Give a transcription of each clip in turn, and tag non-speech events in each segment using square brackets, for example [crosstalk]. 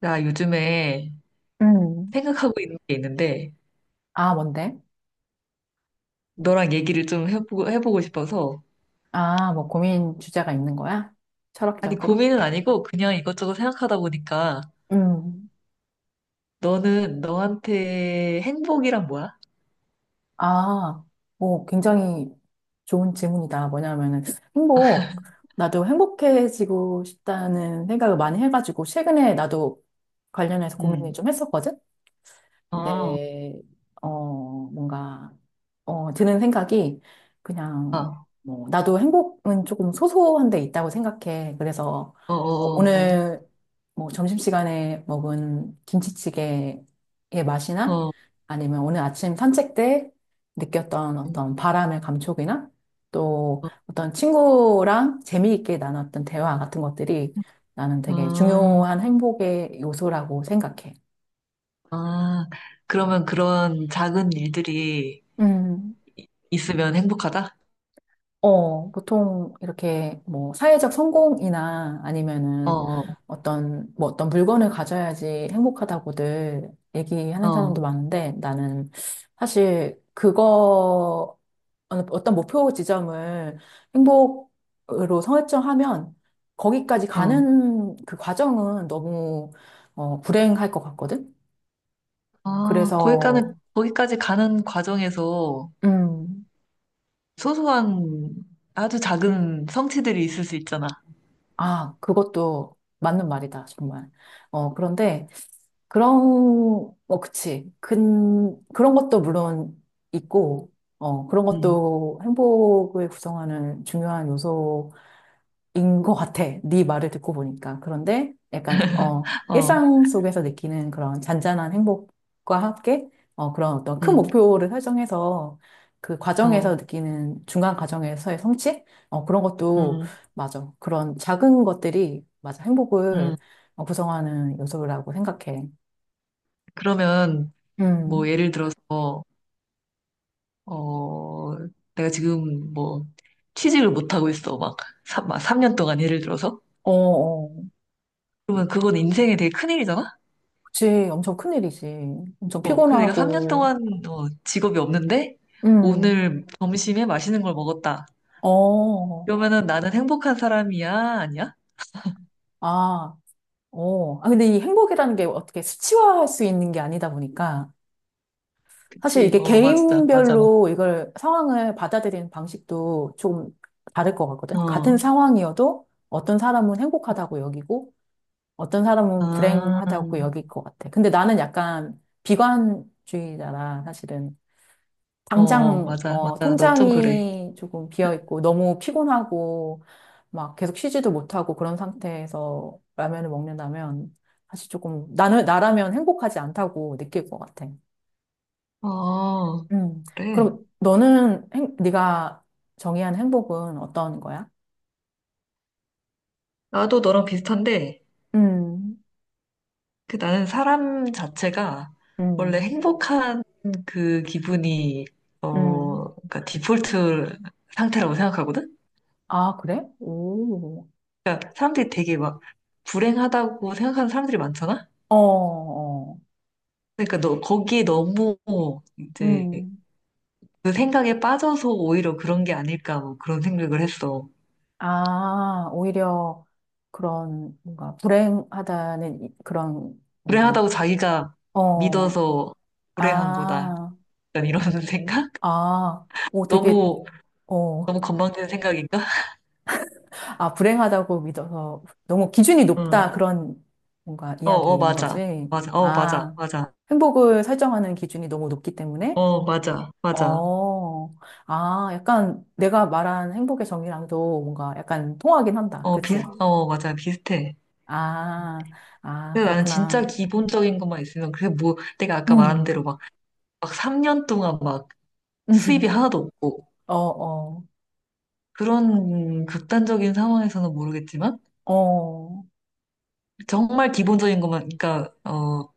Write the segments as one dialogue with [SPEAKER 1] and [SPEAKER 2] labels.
[SPEAKER 1] 나 요즘에
[SPEAKER 2] 음.
[SPEAKER 1] 생각하고 있는 게 있는데,
[SPEAKER 2] 아, 뭔데?
[SPEAKER 1] 너랑 얘기를 좀 해보고 싶어서.
[SPEAKER 2] 아, 뭐 고민 주제가 있는 거야?
[SPEAKER 1] 아니,
[SPEAKER 2] 철학적으로?
[SPEAKER 1] 고민은 아니고, 그냥 이것저것 생각하다 보니까,
[SPEAKER 2] 음.
[SPEAKER 1] 너한테 행복이란 뭐야?
[SPEAKER 2] 아, 뭐 굉장히 좋은 질문이다. 뭐냐면은 행복.
[SPEAKER 1] [laughs]
[SPEAKER 2] 나도 행복해지고 싶다는 생각을 많이 해가지고 최근에 나도 관련해서 고민을
[SPEAKER 1] 응.
[SPEAKER 2] 좀 했었거든?
[SPEAKER 1] 아,
[SPEAKER 2] 근데 어, 뭔가, 드는 생각이 그냥,
[SPEAKER 1] 아,
[SPEAKER 2] 뭐, 나도 행복은 조금 소소한 데 있다고 생각해. 그래서
[SPEAKER 1] 어, 어, 어,
[SPEAKER 2] 오늘 뭐 점심시간에 먹은 김치찌개의 맛이나
[SPEAKER 1] 어,
[SPEAKER 2] 아니면 오늘 아침 산책 때 느꼈던
[SPEAKER 1] 어,
[SPEAKER 2] 어떤 바람의 감촉이나 또 어떤 친구랑 재미있게 나눴던 대화 같은 것들이 나는
[SPEAKER 1] 어,
[SPEAKER 2] 되게
[SPEAKER 1] 어.
[SPEAKER 2] 중요한 행복의 요소라고 생각해.
[SPEAKER 1] 아, 그러면 그런 작은 일들이
[SPEAKER 2] 음.
[SPEAKER 1] 있으면 행복하다?
[SPEAKER 2] 보통 이렇게 뭐 사회적 성공이나
[SPEAKER 1] 어,
[SPEAKER 2] 아니면은
[SPEAKER 1] 어,
[SPEAKER 2] 어떤 뭐 어떤 물건을 가져야지 행복하다고들 얘기하는
[SPEAKER 1] 어,
[SPEAKER 2] 사람도 많은데 나는 사실 그거 어떤 목표 지점을 행복으로 설정하면 거기까지
[SPEAKER 1] 어.
[SPEAKER 2] 가는 그 과정은 너무 불행할 것 같거든.
[SPEAKER 1] 아,
[SPEAKER 2] 그래서.
[SPEAKER 1] 거기까지 가는 과정에서,
[SPEAKER 2] 음.
[SPEAKER 1] 소소한 아주 작은 성취들이 있을 수 있잖아.
[SPEAKER 2] 아, 그것도 맞는 말이다, 정말. 그런데, 그런, 그치. 그런 것도 물론 있고, 그런
[SPEAKER 1] 음,
[SPEAKER 2] 것도 행복을 구성하는 중요한 요소가 인 것 같아. 네 말을 듣고 보니까. 그런데 약간
[SPEAKER 1] 어,
[SPEAKER 2] 일상 속에서 느끼는 그런 잔잔한 행복과 함께 그런 어떤 큰
[SPEAKER 1] 음,
[SPEAKER 2] 목표를 설정해서 그
[SPEAKER 1] 어,
[SPEAKER 2] 과정에서 느끼는 중간 과정에서의 성취? 그런 것도
[SPEAKER 1] 음,
[SPEAKER 2] 맞아. 그런 작은 것들이 맞아. 행복을
[SPEAKER 1] 음.
[SPEAKER 2] 구성하는 요소라고 생각해.
[SPEAKER 1] 그러면 뭐
[SPEAKER 2] 음.
[SPEAKER 1] 예를 들어서 어, 내가 지금 뭐 취직을 못 하고 있어. 막, 막삼 년 동안 예를 들어서.
[SPEAKER 2] 어, 어.
[SPEAKER 1] 그러면 그건 인생에 되게 큰일이잖아.
[SPEAKER 2] 그치. 엄청 큰일이지. 엄청
[SPEAKER 1] 어, 그 내가 3년
[SPEAKER 2] 피곤하고.
[SPEAKER 1] 동안 어, 직업이 없는데
[SPEAKER 2] 음.
[SPEAKER 1] 오늘 점심에 맛있는 걸 먹었다.
[SPEAKER 2] 어.
[SPEAKER 1] 그러면은 나는 행복한 사람이야? 아니야?
[SPEAKER 2] 아. 아, 근데 이 행복이라는 게 어떻게 수치화할 수 있는 게 아니다 보니까 사실
[SPEAKER 1] 그치?
[SPEAKER 2] 이게
[SPEAKER 1] 어, 맞아, 맞아, 맞아.
[SPEAKER 2] 개인별로 이걸 상황을 받아들이는 방식도 좀 다를 것 같거든. 같은
[SPEAKER 1] 어,
[SPEAKER 2] 상황이어도 어떤 사람은 행복하다고 여기고 어떤 사람은
[SPEAKER 1] 아.
[SPEAKER 2] 불행하다고 여길 것 같아. 근데 나는 약간 비관주의자라 사실은
[SPEAKER 1] 어, 어,
[SPEAKER 2] 당장
[SPEAKER 1] 맞아, 맞아. 너 좀 그래.
[SPEAKER 2] 통장이 조금 비어 있고 너무 피곤하고 막 계속 쉬지도 못하고 그런 상태에서 라면을 먹는다면 사실 조금 나는 나라면 행복하지 않다고 느낄 것 같아.
[SPEAKER 1] 어,
[SPEAKER 2] 음.
[SPEAKER 1] 그래.
[SPEAKER 2] 그럼 너는 네가 정의한 행복은 어떤 거야?
[SPEAKER 1] 나도 너랑 비슷한데,
[SPEAKER 2] 음,
[SPEAKER 1] 그 나는 사람 자체가 원래
[SPEAKER 2] 음,
[SPEAKER 1] 행복한 그 기분이,
[SPEAKER 2] 음.
[SPEAKER 1] 어, 그러니까 디폴트 상태라고 생각하거든?
[SPEAKER 2] 아, 그래? 오.
[SPEAKER 1] 사람들이 되게 막 불행하다고 생각하는 사람들이 많잖아?
[SPEAKER 2] 어, 어.
[SPEAKER 1] 그러니까 너, 거기에 너무 이제
[SPEAKER 2] 음.
[SPEAKER 1] 그 생각에 빠져서 오히려 그런 게 아닐까 뭐 그런 생각을 했어.
[SPEAKER 2] 아, 오히려 그런 뭔가 불행하다는 그런 뭔가,
[SPEAKER 1] 불행하다고 자기가
[SPEAKER 2] 어,
[SPEAKER 1] 믿어서 불행한 거다.
[SPEAKER 2] 아,
[SPEAKER 1] 약간 이런 [laughs] 생각?
[SPEAKER 2] 아, 오,
[SPEAKER 1] 너무,
[SPEAKER 2] 어,
[SPEAKER 1] 너무 건방진 생각인가? [laughs]
[SPEAKER 2] 아, 불행하다고 믿어서 너무 기준이 높다
[SPEAKER 1] 응.
[SPEAKER 2] 그런 뭔가
[SPEAKER 1] 어, 어,
[SPEAKER 2] 이야기인
[SPEAKER 1] 맞아.
[SPEAKER 2] 거지.
[SPEAKER 1] 맞아. 어, 맞아.
[SPEAKER 2] 아,
[SPEAKER 1] 맞아.
[SPEAKER 2] 행복을 설정하는 기준이 너무 높기 때문에?
[SPEAKER 1] 어, 맞아, 맞아.
[SPEAKER 2] 어, 아, 약간 내가 말한 행복의 정의랑도 뭔가 약간 통하긴 한다.
[SPEAKER 1] 어,
[SPEAKER 2] 그치?
[SPEAKER 1] 어, 맞아. 비슷해.
[SPEAKER 2] 아, 아,
[SPEAKER 1] 근데 나는 진짜
[SPEAKER 2] 그렇구나.
[SPEAKER 1] 기본적인 것만 있으면, 그게 뭐, 내가 아까 말한
[SPEAKER 2] 음.
[SPEAKER 1] 대로 막, 막 3년 동안 막 수입이
[SPEAKER 2] [laughs]
[SPEAKER 1] 하나도 없고,
[SPEAKER 2] 어, 어,
[SPEAKER 1] 그런 극단적인 상황에서는 모르겠지만,
[SPEAKER 2] 어,
[SPEAKER 1] 정말 기본적인 것만, 그러니까, 어,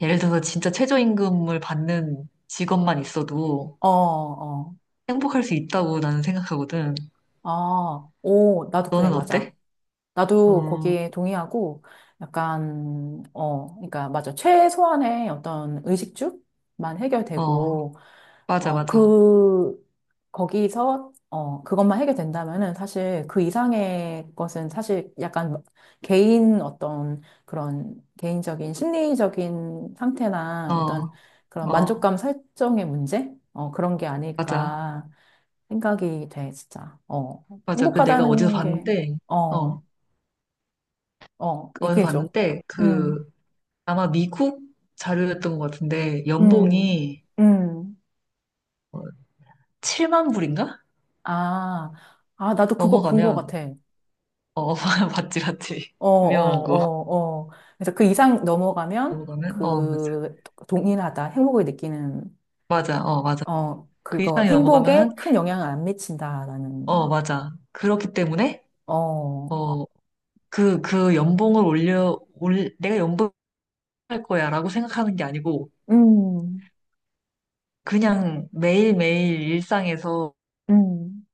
[SPEAKER 1] 예를 들어서 진짜 최저임금을 받는 직업만 있어도
[SPEAKER 2] 어, 어,
[SPEAKER 1] 행복할 수 있다고 나는 생각하거든.
[SPEAKER 2] 아, 오, 나도 그래,
[SPEAKER 1] 너는
[SPEAKER 2] 맞아.
[SPEAKER 1] 어때?
[SPEAKER 2] 나도
[SPEAKER 1] 음,
[SPEAKER 2] 거기에 동의하고 약간 그러니까 맞아 최소한의 어떤 의식주만
[SPEAKER 1] 어,
[SPEAKER 2] 해결되고
[SPEAKER 1] 맞아,
[SPEAKER 2] 어
[SPEAKER 1] 맞아.
[SPEAKER 2] 그 거기서 그것만 해결된다면은 사실 그 이상의 것은 사실 약간 개인 어떤 그런 개인적인 심리적인 상태나 어떤
[SPEAKER 1] 어,
[SPEAKER 2] 그런
[SPEAKER 1] 어,
[SPEAKER 2] 만족감 설정의 문제 그런 게
[SPEAKER 1] 맞아.
[SPEAKER 2] 아닐까 생각이 돼 진짜
[SPEAKER 1] 맞아. 그 내가
[SPEAKER 2] 행복하다는 게.
[SPEAKER 1] 어,
[SPEAKER 2] 어. 어,
[SPEAKER 1] 어디서
[SPEAKER 2] 얘기해줘.
[SPEAKER 1] 봤는데,
[SPEAKER 2] 음,
[SPEAKER 1] 그, 아마 미국 자료였던 것 같은데,
[SPEAKER 2] 음,
[SPEAKER 1] 연봉이
[SPEAKER 2] 음.
[SPEAKER 1] 7만 불인가?
[SPEAKER 2] 아, 아, 나도 그거 본 것
[SPEAKER 1] 넘어가면,
[SPEAKER 2] 같아.
[SPEAKER 1] 어, [laughs] 맞지, 맞지.
[SPEAKER 2] 어, 어,
[SPEAKER 1] 유명한 거.
[SPEAKER 2] 어, 어. 그래서 그 이상 넘어가면
[SPEAKER 1] 넘어가면, 어, 맞아.
[SPEAKER 2] 동일하다. 행복을 느끼는,
[SPEAKER 1] 맞아, 어, 맞아. 그
[SPEAKER 2] 그거
[SPEAKER 1] 이상이 넘어가면은,
[SPEAKER 2] 행복에 큰 영향을 안 미친다라는,
[SPEAKER 1] 어, 맞아. 그렇기 때문에,
[SPEAKER 2] 어,
[SPEAKER 1] 어, 그 연봉을 내가 연봉할 거야 라고 생각하는 게 아니고,
[SPEAKER 2] 음,
[SPEAKER 1] 그냥 매일매일 일상에서
[SPEAKER 2] 음.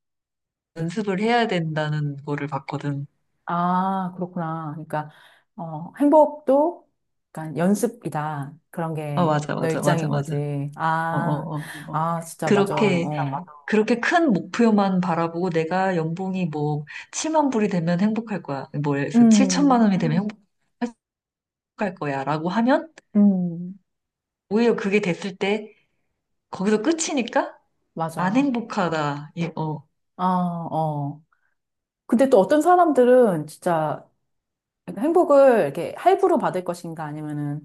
[SPEAKER 1] 연습을 해야 된다는 거를 봤거든.
[SPEAKER 2] 아, 그렇구나. 그러니까, 행복도 약간 연습이다. 그런
[SPEAKER 1] 아,
[SPEAKER 2] 게
[SPEAKER 1] 맞아,
[SPEAKER 2] 너
[SPEAKER 1] 맞아, 맞아,
[SPEAKER 2] 입장인
[SPEAKER 1] 맞아.
[SPEAKER 2] 거지.
[SPEAKER 1] 어,
[SPEAKER 2] 아.
[SPEAKER 1] 어, 어, 어.
[SPEAKER 2] 아, 진짜, 맞아.
[SPEAKER 1] 그렇게,
[SPEAKER 2] 어.
[SPEAKER 1] 그렇게 큰 목표만 바라보고 내가 연봉이 뭐 7만 불이 되면 행복할 거야. 뭐 해서 7천만
[SPEAKER 2] 음,
[SPEAKER 1] 원이 되면 행복할 거야. 라고 하면
[SPEAKER 2] 음,
[SPEAKER 1] 오히려 그게 됐을 때 거기서 끝이니까 안
[SPEAKER 2] 맞아.
[SPEAKER 1] 행복하다. 이, 어,
[SPEAKER 2] 아, 어. 근데 또 어떤 사람들은 진짜 행복을 이렇게 할부로 받을 것인가 아니면은,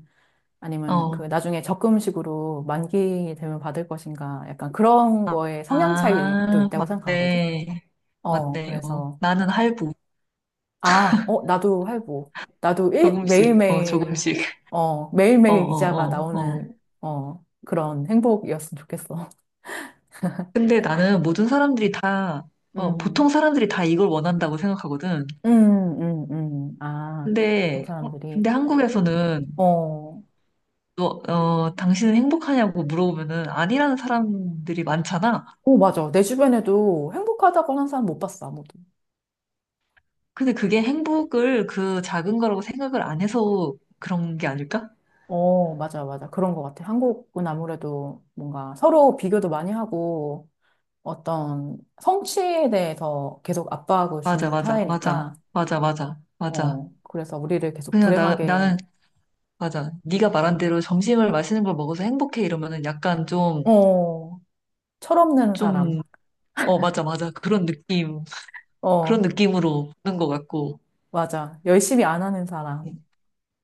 [SPEAKER 2] 그
[SPEAKER 1] 어.
[SPEAKER 2] 나중에 적금식으로 만기 되면 받을 것인가 약간 그런
[SPEAKER 1] 아,
[SPEAKER 2] 거에 성향 차이도
[SPEAKER 1] 아,
[SPEAKER 2] 있다고 생각하거든.
[SPEAKER 1] 맞네. 맞네. 어.
[SPEAKER 2] 그래서,
[SPEAKER 1] 나는 할부.
[SPEAKER 2] 아, 어, 나도 할부. 나도
[SPEAKER 1] 조금씩, 어,
[SPEAKER 2] 매일매일,
[SPEAKER 1] 조금씩.
[SPEAKER 2] 어,
[SPEAKER 1] 어,
[SPEAKER 2] 매일매일 이자가
[SPEAKER 1] 어, 어, 어.
[SPEAKER 2] 나오는, 그런 행복이었으면 좋겠어.
[SPEAKER 1] 근데 나는 모든 사람들이 다,
[SPEAKER 2] [laughs]
[SPEAKER 1] 어, 보통
[SPEAKER 2] 음.
[SPEAKER 1] 사람들이 다 이걸 원한다고 생각하거든.
[SPEAKER 2] 아, 보통
[SPEAKER 1] 근데, 어,
[SPEAKER 2] 사람들이.
[SPEAKER 1] 근데 한국에서는,
[SPEAKER 2] 어,
[SPEAKER 1] 당신은 행복하냐고 물어보면은 아니라는 사람들이 많잖아.
[SPEAKER 2] 오, 맞아. 내 주변에도 행복하다고 하는 사람 못 봤어, 아무도.
[SPEAKER 1] 근데 그게 행복을 그 작은 거라고 생각을 안 해서 그런 게 아닐까?
[SPEAKER 2] 어, 맞아, 맞아. 그런 것 같아. 한국은 아무래도 뭔가 서로 비교도 많이 하고 어떤 성취에 대해서 계속 압박을
[SPEAKER 1] 맞아,
[SPEAKER 2] 주는
[SPEAKER 1] 맞아,
[SPEAKER 2] 사회니까,
[SPEAKER 1] 맞아, 맞아, 맞아, 맞아.
[SPEAKER 2] 그래서 우리를 계속
[SPEAKER 1] 그냥
[SPEAKER 2] 불행하게,
[SPEAKER 1] 나는, 맞아. 네가 말한 대로 점심을 맛있는 걸 먹어서 행복해 이러면은 약간 좀,
[SPEAKER 2] 어, 철없는 사람,
[SPEAKER 1] 좀, 어, 맞아, 맞아. 그런
[SPEAKER 2] 어,
[SPEAKER 1] 느낌으로 보는 것 같고.
[SPEAKER 2] 맞아. 열심히 안 하는 사람,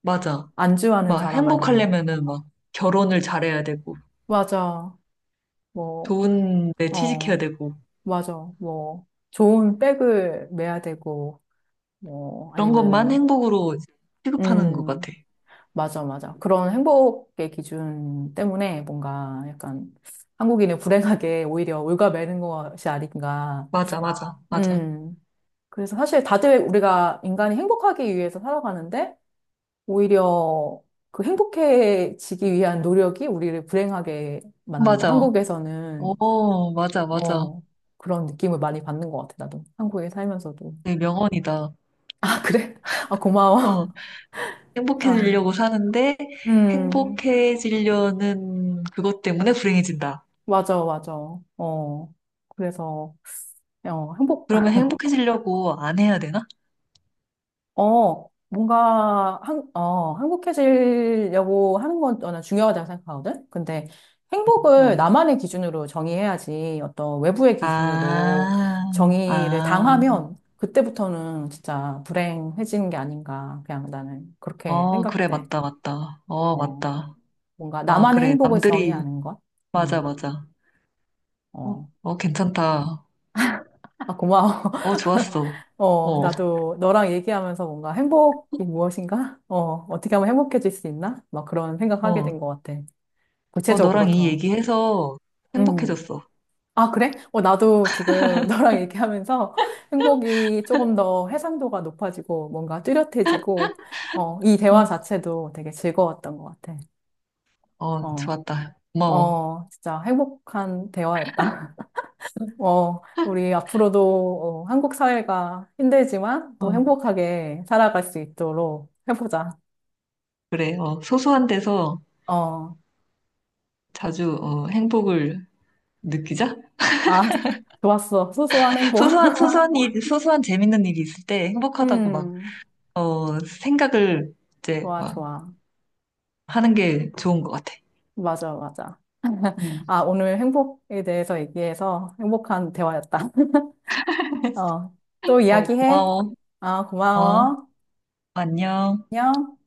[SPEAKER 1] 맞아.
[SPEAKER 2] 안주하는
[SPEAKER 1] 막
[SPEAKER 2] 사람으로.
[SPEAKER 1] 행복하려면은 막 결혼을 잘해야 되고,
[SPEAKER 2] 맞아. 뭐,
[SPEAKER 1] 좋은 데 취직해야
[SPEAKER 2] 어.
[SPEAKER 1] 되고,
[SPEAKER 2] 맞아. 뭐, 좋은 백을 매야 되고, 뭐,
[SPEAKER 1] 그런 것만
[SPEAKER 2] 아니면은,
[SPEAKER 1] 행복으로 취급하는 것 같아.
[SPEAKER 2] 음, 맞아, 맞아. 그런 행복의 기준 때문에 뭔가 약간 한국인은 불행하게 오히려 올가매는 것이 아닌가.
[SPEAKER 1] 맞아, 맞아, 맞아.
[SPEAKER 2] 음, 그래서 사실 다들 우리가 인간이 행복하기 위해서 살아가는데, 오히려 그 행복해지기 위한 노력이 우리를 불행하게 만든다.
[SPEAKER 1] 맞아.
[SPEAKER 2] 한국에서는,
[SPEAKER 1] 오, 맞아, 맞아.
[SPEAKER 2] 어, 그런 느낌을 많이 받는 것 같아, 나도. 한국에 살면서도.
[SPEAKER 1] 네, 명언이다.
[SPEAKER 2] 아, 그래? 아, 고마워.
[SPEAKER 1] 어,
[SPEAKER 2] 아,
[SPEAKER 1] 행복해지려고 사는데,
[SPEAKER 2] 음,
[SPEAKER 1] 행복해지려는 그것 때문에 불행해진다.
[SPEAKER 2] 맞아, 맞아. 어, 그래서, 어, 행복,
[SPEAKER 1] 그러면 행복해지려고 안 해야 되나?
[SPEAKER 2] 뭔가, 행복해지려고 하는 건 저는 중요하다고 생각하거든? 근데 행복을
[SPEAKER 1] 어.
[SPEAKER 2] 나만의 기준으로 정의해야지 어떤 외부의 기준으로
[SPEAKER 1] 아,
[SPEAKER 2] 정의를
[SPEAKER 1] 아,
[SPEAKER 2] 당하면 그때부터는 진짜 불행해지는 게 아닌가. 그냥 나는 그렇게
[SPEAKER 1] 어, 그래,
[SPEAKER 2] 생각돼.
[SPEAKER 1] 맞다, 맞다. 어,
[SPEAKER 2] 어,
[SPEAKER 1] 맞다.
[SPEAKER 2] 뭔가
[SPEAKER 1] 어
[SPEAKER 2] 나만의
[SPEAKER 1] 그래.
[SPEAKER 2] 행복을
[SPEAKER 1] 남들이
[SPEAKER 2] 정의하는 것?
[SPEAKER 1] 맞아,
[SPEAKER 2] 음,
[SPEAKER 1] 맞아. 어,
[SPEAKER 2] 어.
[SPEAKER 1] 어, 괜찮다.
[SPEAKER 2] 아, 고마워.
[SPEAKER 1] 어, 좋았어.
[SPEAKER 2] [laughs]
[SPEAKER 1] 어,
[SPEAKER 2] 나도 너랑 얘기하면서 뭔가 행복이 무엇인가? 어, 어떻게 하면 행복해질 수 있나? 막 그런 생각하게
[SPEAKER 1] 어,
[SPEAKER 2] 된 것 같아.
[SPEAKER 1] 어, 너랑
[SPEAKER 2] 구체적으로
[SPEAKER 1] 이
[SPEAKER 2] 더.
[SPEAKER 1] 얘기해서
[SPEAKER 2] 음.
[SPEAKER 1] 행복해졌어.
[SPEAKER 2] 아, 그래? 나도 지금 [laughs] 너랑 얘기하면서 행복이 조금 더 해상도가 높아지고 뭔가 뚜렷해지고, 이 대화
[SPEAKER 1] 응,
[SPEAKER 2] 자체도 되게 즐거웠던 것 같아.
[SPEAKER 1] 어,
[SPEAKER 2] 어,
[SPEAKER 1] 좋았다. 고마워.
[SPEAKER 2] 어, 진짜 행복한 대화였다. 어, 우리 앞으로도 한국 사회가 힘들지만 또
[SPEAKER 1] 어,
[SPEAKER 2] 행복하게 살아갈 수 있도록 해보자.
[SPEAKER 1] 그래, 어, 소소한 데서
[SPEAKER 2] 어,
[SPEAKER 1] 자주, 어, 행복을 느끼자?
[SPEAKER 2] 아, [laughs] 좋았어. 소소한
[SPEAKER 1] [laughs]
[SPEAKER 2] 행복. [laughs]
[SPEAKER 1] 소소한 일, 소소한 재밌는 일이 있을 때 행복하다고 막,
[SPEAKER 2] 음,
[SPEAKER 1] 어, 생각을 이제
[SPEAKER 2] 좋아,
[SPEAKER 1] 막
[SPEAKER 2] 좋아.
[SPEAKER 1] 하는 게 좋은 것 같아.
[SPEAKER 2] 맞아, 맞아. [laughs]
[SPEAKER 1] 응,
[SPEAKER 2] 아, 오늘 행복에 대해서 얘기해서 행복한 대화였다. [laughs] 어, 또
[SPEAKER 1] 어,
[SPEAKER 2] 이야기해.
[SPEAKER 1] 고마워.
[SPEAKER 2] 아,
[SPEAKER 1] 어,
[SPEAKER 2] 고마워.
[SPEAKER 1] 안녕.
[SPEAKER 2] 안녕.